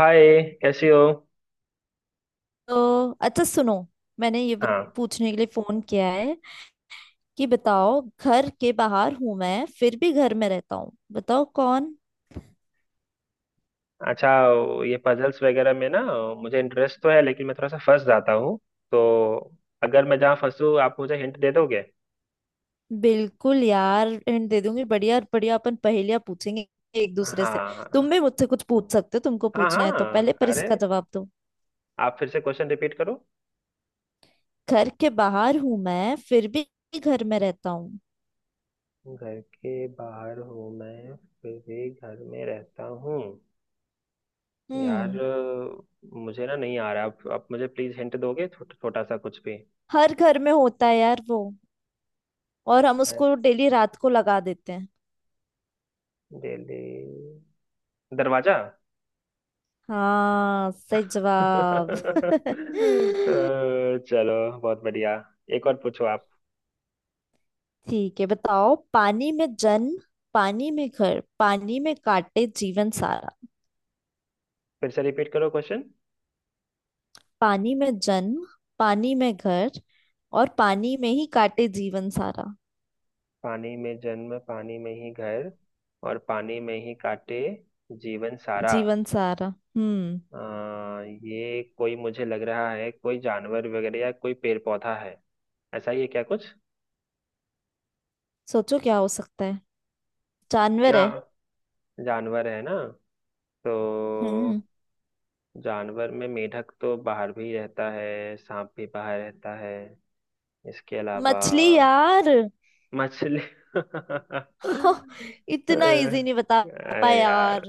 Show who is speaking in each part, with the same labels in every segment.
Speaker 1: हाय, कैसी हो।
Speaker 2: तो अच्छा सुनो। मैंने ये
Speaker 1: हाँ।
Speaker 2: पूछने के लिए फोन किया है कि बताओ, घर के बाहर हूं मैं फिर भी घर में रहता हूँ, बताओ कौन।
Speaker 1: अच्छा, वो ये पजल्स वगैरह में ना, मुझे इंटरेस्ट तो है लेकिन मैं थोड़ा सा फंस जाता हूँ। तो अगर मैं जहाँ फंसूँ आप मुझे हिंट दे दोगे।
Speaker 2: बिल्कुल यार, हिंट दे दूंगी। बढ़िया बढ़िया, अपन पहेलियां पूछेंगे एक दूसरे से। तुम भी
Speaker 1: हाँ,
Speaker 2: मुझसे कुछ पूछ सकते हो। तुमको
Speaker 1: हाँ,
Speaker 2: पूछना है तो पहले
Speaker 1: हाँ,
Speaker 2: पर
Speaker 1: अरे,
Speaker 2: इसका जवाब दो।
Speaker 1: आप फिर से क्वेश्चन रिपीट करो।
Speaker 2: घर के बाहर हूं मैं फिर भी घर में रहता हूँ।
Speaker 1: घर के बाहर हूँ मैं, फिर भी घर में रहता हूँ। यार,
Speaker 2: हम्म।
Speaker 1: मुझे ना नहीं आ रहा, आप मुझे प्लीज हिंट दोगे, छोटा सा कुछ भी।
Speaker 2: हर घर में होता है यार वो, और हम उसको डेली रात को लगा देते हैं।
Speaker 1: डेली। दरवाजा।
Speaker 2: हाँ, सही जवाब।
Speaker 1: अ, चलो, बहुत बढ़िया। एक और पूछो आप।
Speaker 2: ठीक है, बताओ। पानी में जन्म, पानी में घर, पानी में काटे जीवन सारा।
Speaker 1: फिर से रिपीट करो क्वेश्चन।
Speaker 2: पानी में जन्म, पानी में घर, और पानी में ही काटे जीवन सारा।
Speaker 1: पानी में जन्म, पानी में ही घर, और पानी में ही काटे जीवन सारा।
Speaker 2: जीवन सारा। हम्म।
Speaker 1: अ, ये कोई मुझे लग रहा है कोई जानवर वगैरह, या कोई पेड़ पौधा है, ऐसा ही है क्या कुछ।
Speaker 2: सोचो क्या हो सकता है। जानवर है।
Speaker 1: यहाँ जानवर है ना, तो
Speaker 2: हम्म।
Speaker 1: जानवर में मेंढक तो बाहर भी रहता है, सांप भी बाहर रहता है, इसके अलावा?
Speaker 2: मछली यार।
Speaker 1: मछली।
Speaker 2: हो, इतना इजी नहीं बता पाए
Speaker 1: अरे
Speaker 2: यार।
Speaker 1: यार।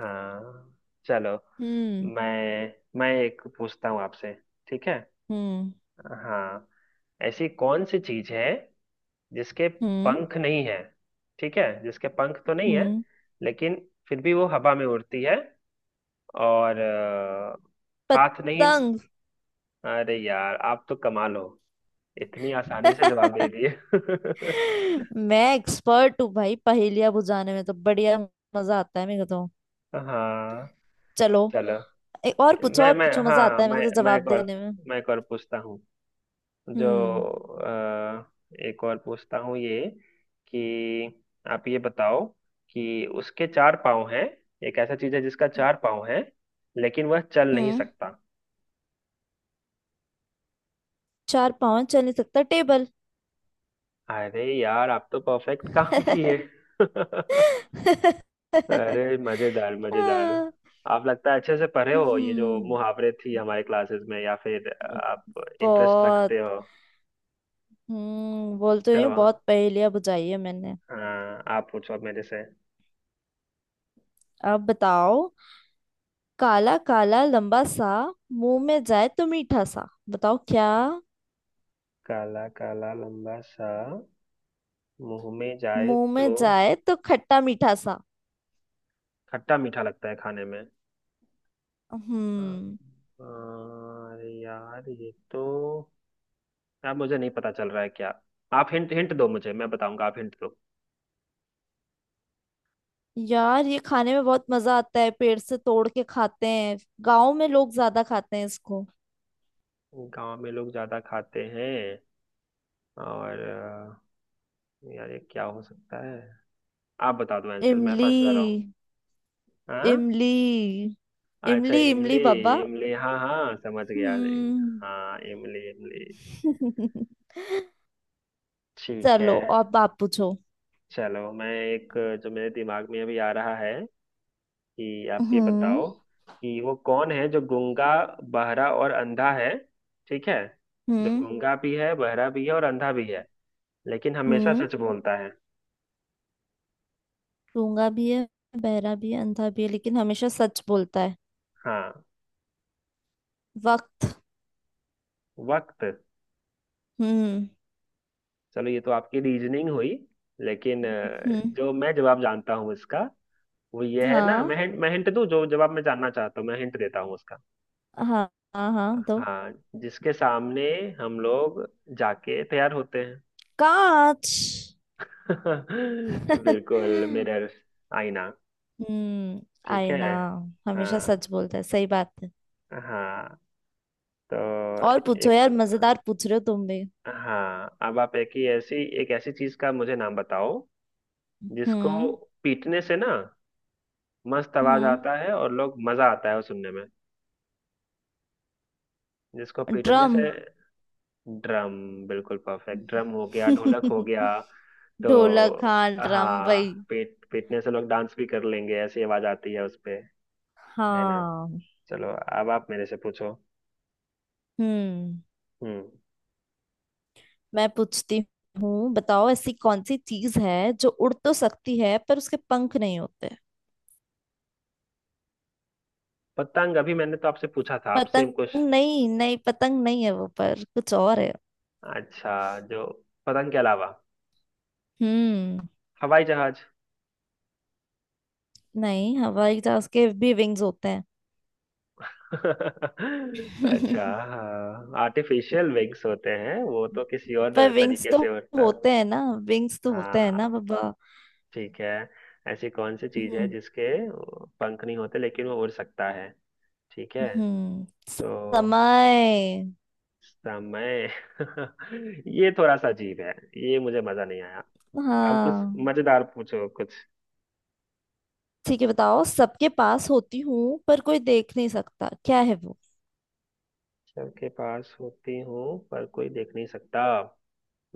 Speaker 1: हाँ, चलो।
Speaker 2: हम्म।
Speaker 1: मैं मैं एक पूछता हूँ आपसे, ठीक है।
Speaker 2: हम्म।
Speaker 1: हाँ। ऐसी कौन सी चीज है जिसके
Speaker 2: हम्म।
Speaker 1: पंख नहीं है, ठीक है, जिसके पंख तो नहीं है
Speaker 2: हम्म।
Speaker 1: लेकिन फिर भी वो हवा में उड़ती है, और हाथ नहीं।
Speaker 2: पतंग।
Speaker 1: अरे यार, आप तो कमाल हो, इतनी आसानी से जवाब दे दिए।
Speaker 2: मैं एक्सपर्ट हूँ भाई पहेलियां बुझाने में, तो बढ़िया मजा आता है मेरे को तो।
Speaker 1: हाँ,
Speaker 2: चलो,
Speaker 1: चलो।
Speaker 2: एक और पूछो,
Speaker 1: मैं
Speaker 2: और
Speaker 1: मैं
Speaker 2: पूछो, मजा
Speaker 1: हाँ,
Speaker 2: आता है मेरे को तो जवाब देने में।
Speaker 1: मैं एक और पूछता हूँ। जो
Speaker 2: हम्म।
Speaker 1: अ, एक और पूछता हूँ ये, कि आप ये बताओ कि उसके चार पाँव हैं, एक ऐसा चीज है जिसका चार पाँव है लेकिन वह चल नहीं
Speaker 2: हम्म।
Speaker 1: सकता।
Speaker 2: चार पाँव हैं, चल नहीं सकता, टेबल।
Speaker 1: अरे यार, आप तो परफेक्ट काम किए। अरे, मजेदार मजेदार।
Speaker 2: आ,
Speaker 1: आप लगता है अच्छे से पढ़े हो ये जो
Speaker 2: हम्म।
Speaker 1: मुहावरे थी हमारे क्लासेस में, या फिर आप इंटरेस्ट
Speaker 2: बहुत।
Speaker 1: रखते हो।
Speaker 2: बोलते हुए
Speaker 1: चलो।
Speaker 2: बहुत पहेलियां बुझाई है मैंने।
Speaker 1: हाँ, आप पूछो अब मेरे से।
Speaker 2: अब बताओ, काला काला लंबा सा, मुंह में जाए तो मीठा सा, बताओ क्या।
Speaker 1: काला काला लंबा सा, मुंह में जाए
Speaker 2: मुंह में
Speaker 1: तो
Speaker 2: जाए तो खट्टा मीठा सा।
Speaker 1: खट्टा मीठा लगता है खाने में। हाँ।
Speaker 2: हम्म।
Speaker 1: अरे यार ये तो, यार मुझे नहीं पता चल रहा है क्या। आप हिंट हिंट दो मुझे, मैं बताऊंगा, आप हिंट दो।
Speaker 2: यार ये खाने में बहुत मजा आता है, पेड़ से तोड़ के खाते हैं। गांव में लोग ज्यादा खाते हैं इसको।
Speaker 1: गांव में लोग ज्यादा खाते हैं, और यार ये क्या हो सकता है। आप बता दो आंसर, मैं फंस जा रहा हूँ।
Speaker 2: इमली।
Speaker 1: हाँ,
Speaker 2: इमली।
Speaker 1: अच्छा,
Speaker 2: इमली
Speaker 1: इमली।
Speaker 2: इमली बाबा।
Speaker 1: इमली, हाँ हाँ समझ गया।
Speaker 2: हम्म।
Speaker 1: हाँ, इमली इमली। ठीक है,
Speaker 2: चलो, अब आप पूछो।
Speaker 1: चलो। मैं एक, जो मेरे दिमाग में अभी आ रहा है, कि आप ये
Speaker 2: हम्म।
Speaker 1: बताओ, कि वो कौन है जो गूंगा बहरा और अंधा है, ठीक है, जो
Speaker 2: हम्म।
Speaker 1: गूंगा भी है बहरा भी है और अंधा भी है लेकिन हमेशा
Speaker 2: हम्म।
Speaker 1: सच बोलता है।
Speaker 2: गूंगा भी है, बहरा भी है, अंधा भी है, लेकिन हमेशा सच बोलता है।
Speaker 1: हाँ।
Speaker 2: वक्त।
Speaker 1: वक्त?
Speaker 2: हम्म।
Speaker 1: चलो, ये तो आपकी रीजनिंग हुई, लेकिन
Speaker 2: हम्म।
Speaker 1: जो मैं जवाब जानता हूँ इसका, वो ये है। ना,
Speaker 2: हाँ
Speaker 1: मैं हिंट दूँ, जो जवाब मैं जानना चाहता हूँ मैं हिंट देता हूँ उसका।
Speaker 2: हाँ हाँ हाँ दो।
Speaker 1: हाँ, जिसके सामने हम लोग जाके तैयार होते हैं।
Speaker 2: कांच।
Speaker 1: बिल्कुल,
Speaker 2: हम्म।
Speaker 1: मिरर्स। आईना। ठीक
Speaker 2: आए
Speaker 1: है।
Speaker 2: ना, हमेशा
Speaker 1: हाँ,
Speaker 2: सच बोलता है, सही बात है।
Speaker 1: हाँ, तो
Speaker 2: और पूछो
Speaker 1: एक,
Speaker 2: यार, मजेदार पूछ रहे हो तुम भी।
Speaker 1: हाँ, अब आप एक ऐसी चीज का मुझे नाम बताओ जिसको
Speaker 2: हम्म।
Speaker 1: पीटने से ना मस्त आवाज
Speaker 2: हम्म।
Speaker 1: आता है और लोग मजा आता है वो सुनने में, जिसको पीटने
Speaker 2: ड्रम।
Speaker 1: से? ड्रम। बिल्कुल परफेक्ट, ड्रम हो गया, ढोलक हो गया। तो
Speaker 2: ढोलक, हाँ ड्रम
Speaker 1: हाँ,
Speaker 2: भाई।
Speaker 1: पीटने से लोग डांस भी कर लेंगे, ऐसी आवाज आती है उस पे, है ना।
Speaker 2: हाँ।
Speaker 1: चलो, अब आप मेरे से पूछो।
Speaker 2: हम्म।
Speaker 1: हम्म।
Speaker 2: मैं पूछती हूँ, बताओ ऐसी कौन सी चीज है जो उड़ तो सकती है पर उसके पंख नहीं होते।
Speaker 1: पतंग, अभी मैंने तो आपसे पूछा था, आप
Speaker 2: पतंग?
Speaker 1: Same question.
Speaker 2: नहीं नहीं, पतंग नहीं है वो, पर कुछ और है।
Speaker 1: अच्छा, जो पतंग के अलावा,
Speaker 2: हम्म।
Speaker 1: हवाई जहाज।
Speaker 2: नहीं, हवाई जहाज के भी विंग्स होते हैं।
Speaker 1: अच्छा, हाँ, आर्टिफिशियल विंग्स होते हैं वो, तो किसी और
Speaker 2: पर विंग्स
Speaker 1: तरीके
Speaker 2: तो
Speaker 1: से होता है।
Speaker 2: होते हैं ना। विंग्स तो होते हैं ना
Speaker 1: हाँ,
Speaker 2: बाबा।
Speaker 1: ठीक है। ऐसी कौन सी चीज है
Speaker 2: हम्म।
Speaker 1: जिसके पंख नहीं होते लेकिन वो उड़ सकता है, ठीक है
Speaker 2: हम्म।
Speaker 1: तो।
Speaker 2: समय।
Speaker 1: समय। ये थोड़ा सा अजीब है, ये मुझे मजा नहीं आया। अब कुछ
Speaker 2: हाँ।
Speaker 1: मजेदार पूछो कुछ।
Speaker 2: ठीक है, बताओ, सबके पास होती हूँ पर कोई देख नहीं सकता, क्या है वो।
Speaker 1: सबके पास होती हूँ पर कोई देख नहीं सकता।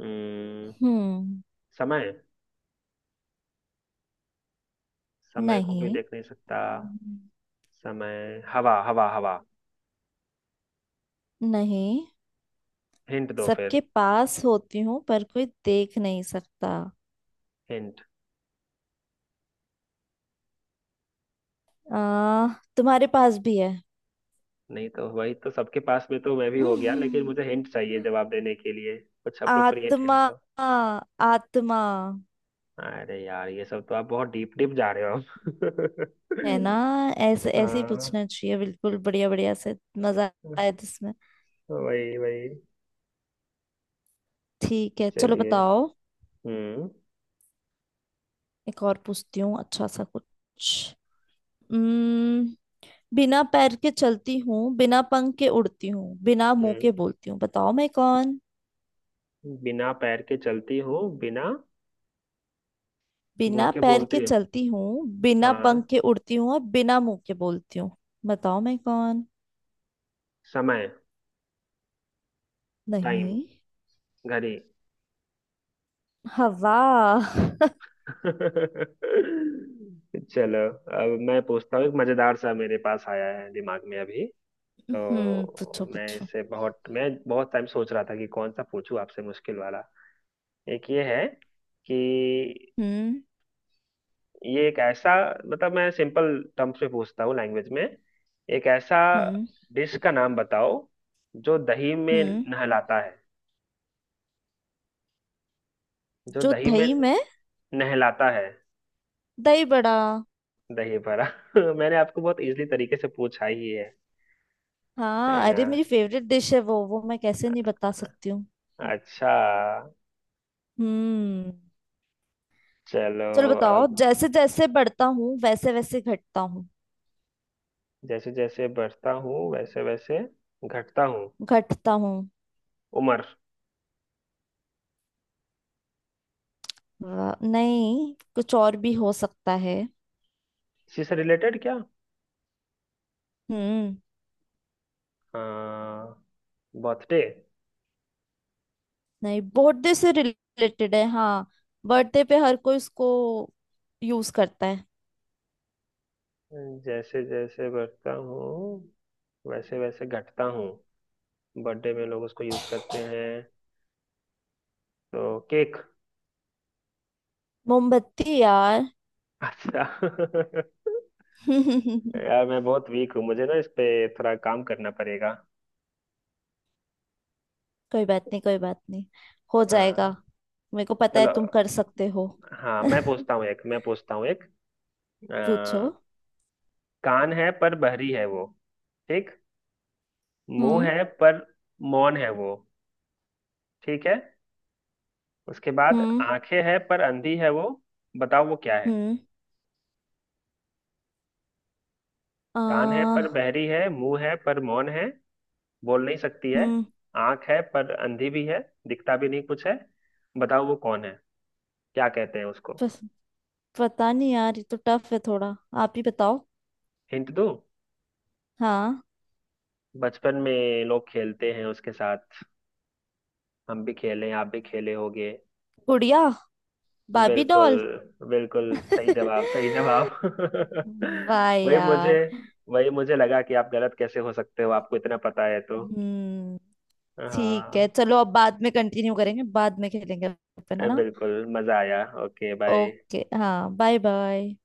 Speaker 1: हम्म।
Speaker 2: हम्म।
Speaker 1: समय। समय को कोई
Speaker 2: नहीं।
Speaker 1: देख नहीं सकता। समय, हवा, हवा, हवा।
Speaker 2: नहीं।
Speaker 1: हिंट दो
Speaker 2: सबके
Speaker 1: फिर।
Speaker 2: पास होती हूँ पर कोई देख नहीं सकता।
Speaker 1: हिंट।
Speaker 2: आ, तुम्हारे पास भी है।
Speaker 1: नहीं तो वही तो सबके पास में तो मैं भी हो गया, लेकिन
Speaker 2: हम्म,
Speaker 1: मुझे हिंट चाहिए जवाब देने के लिए, कुछ अप्रोप्रिएट हिंट
Speaker 2: आत्मा।
Speaker 1: दो।
Speaker 2: आत्मा।
Speaker 1: अरे यार, ये सब तो आप बहुत डीप डीप जा रहे हो आप।
Speaker 2: है ना, ऐसे ऐसे ही
Speaker 1: हाँ।
Speaker 2: पूछना चाहिए, बिल्कुल बढ़िया बढ़िया से। मजा आया इसमें।
Speaker 1: वही वही।
Speaker 2: ठीक है चलो,
Speaker 1: चलिए।
Speaker 2: बताओ।
Speaker 1: हम्म,
Speaker 2: एक और पूछती हूँ, अच्छा सा कुछ। उम्म, बिना पैर के चलती हूँ, बिना पंख के उड़ती हूँ, बिना मुंह
Speaker 1: हम्म।
Speaker 2: के बोलती हूँ, बताओ मैं कौन।
Speaker 1: बिना पैर के चलती हूँ, बिना मुंह
Speaker 2: बिना
Speaker 1: के
Speaker 2: पैर के
Speaker 1: बोलती हूँ।
Speaker 2: चलती हूँ, बिना पंख
Speaker 1: हाँ।
Speaker 2: के उड़ती हूँ, और बिना मुंह के बोलती हूँ, बताओ मैं कौन।
Speaker 1: समय। टाइम।
Speaker 2: नहीं।
Speaker 1: घड़ी।
Speaker 2: हवा।
Speaker 1: चलो, अब मैं पूछता हूँ एक मजेदार सा, मेरे पास आया है दिमाग में अभी।
Speaker 2: हम्म,
Speaker 1: तो
Speaker 2: पूछो पूछो।
Speaker 1: मैं बहुत टाइम सोच रहा था कि कौन सा पूछूं आपसे मुश्किल वाला। एक ये है, कि
Speaker 2: हम्म।
Speaker 1: ये एक ऐसा, मतलब मैं सिंपल टर्म्स में पूछता हूँ लैंग्वेज में, एक ऐसा
Speaker 2: हम्म।
Speaker 1: डिश का नाम बताओ जो दही में
Speaker 2: हम्म।
Speaker 1: नहलाता है, जो
Speaker 2: जो
Speaker 1: दही में
Speaker 2: दही में।
Speaker 1: नहलाता है?
Speaker 2: दही बड़ा।
Speaker 1: दही बड़ा। मैंने आपको बहुत इजीली तरीके से पूछा ही है
Speaker 2: हाँ
Speaker 1: ना।
Speaker 2: अरे, मेरी फेवरेट डिश है वो मैं कैसे नहीं
Speaker 1: अ-
Speaker 2: बता सकती हूँ।
Speaker 1: अच्छा।
Speaker 2: हम्म।
Speaker 1: चलो
Speaker 2: चलो बताओ,
Speaker 1: अब।
Speaker 2: जैसे जैसे बढ़ता हूँ वैसे वैसे घटता हूँ।
Speaker 1: जैसे जैसे बढ़ता हूँ वैसे वैसे घटता हूँ?
Speaker 2: घटता हूँ।
Speaker 1: उम्र।
Speaker 2: वाह, नहीं कुछ और भी हो सकता है।
Speaker 1: इसी से रिलेटेड क्या?
Speaker 2: हम्म।
Speaker 1: हाँ, बर्थडे।
Speaker 2: नहीं, बर्थडे से रिलेटेड है हाँ। बर्थडे पे हर कोई इसको यूज करता है।
Speaker 1: जैसे जैसे बढ़ता हूँ वैसे वैसे घटता हूँ, बर्थडे में लोग उसको यूज करते हैं, तो केक।
Speaker 2: मोमबत्ती यार।
Speaker 1: अच्छा।
Speaker 2: कोई
Speaker 1: यार मैं बहुत वीक हूँ, मुझे ना इस पे थोड़ा काम करना पड़ेगा।
Speaker 2: बात नहीं, कोई बात नहीं, हो जाएगा।
Speaker 1: हाँ,
Speaker 2: मेरे को पता है
Speaker 1: चलो।
Speaker 2: तुम कर सकते हो।
Speaker 1: हाँ, मैं पूछता हूँ एक। अ,
Speaker 2: पूछो।
Speaker 1: कान है पर बहरी है वो, ठीक, मुंह
Speaker 2: हम्म।
Speaker 1: है पर मौन है वो, ठीक है, उसके बाद
Speaker 2: हम्म।
Speaker 1: आंखें है पर अंधी है वो, बताओ वो क्या है।
Speaker 2: हम्म।
Speaker 1: कान है पर
Speaker 2: आ
Speaker 1: बहरी है, मुंह है पर मौन है, बोल नहीं सकती है,
Speaker 2: हम्म।
Speaker 1: आंख है पर अंधी भी है, दिखता भी नहीं कुछ है, बताओ वो कौन है, क्या कहते हैं उसको।
Speaker 2: पस, पता नहीं यार, ये तो टफ है थोड़ा, आप ही बताओ।
Speaker 1: हिंट दूँ?
Speaker 2: हाँ।
Speaker 1: बचपन में लोग खेलते हैं उसके साथ, हम भी खेले आप भी खेले होगे।
Speaker 2: गुड़िया। बाबी
Speaker 1: बिल्कुल,
Speaker 2: डॉल।
Speaker 1: बिल्कुल सही जवाब, सही जवाब।
Speaker 2: वाह
Speaker 1: वही मुझे
Speaker 2: यार।
Speaker 1: वही मुझे लगा कि आप गलत कैसे हो सकते हो, आपको इतना पता है तो।
Speaker 2: हम्म। ठीक है
Speaker 1: हाँ।
Speaker 2: चलो, अब बाद में कंटिन्यू करेंगे, बाद में खेलेंगे अपन, है ना।
Speaker 1: बिल्कुल, मजा आया। Okay, bye.
Speaker 2: ओके, हाँ, बाय बाय।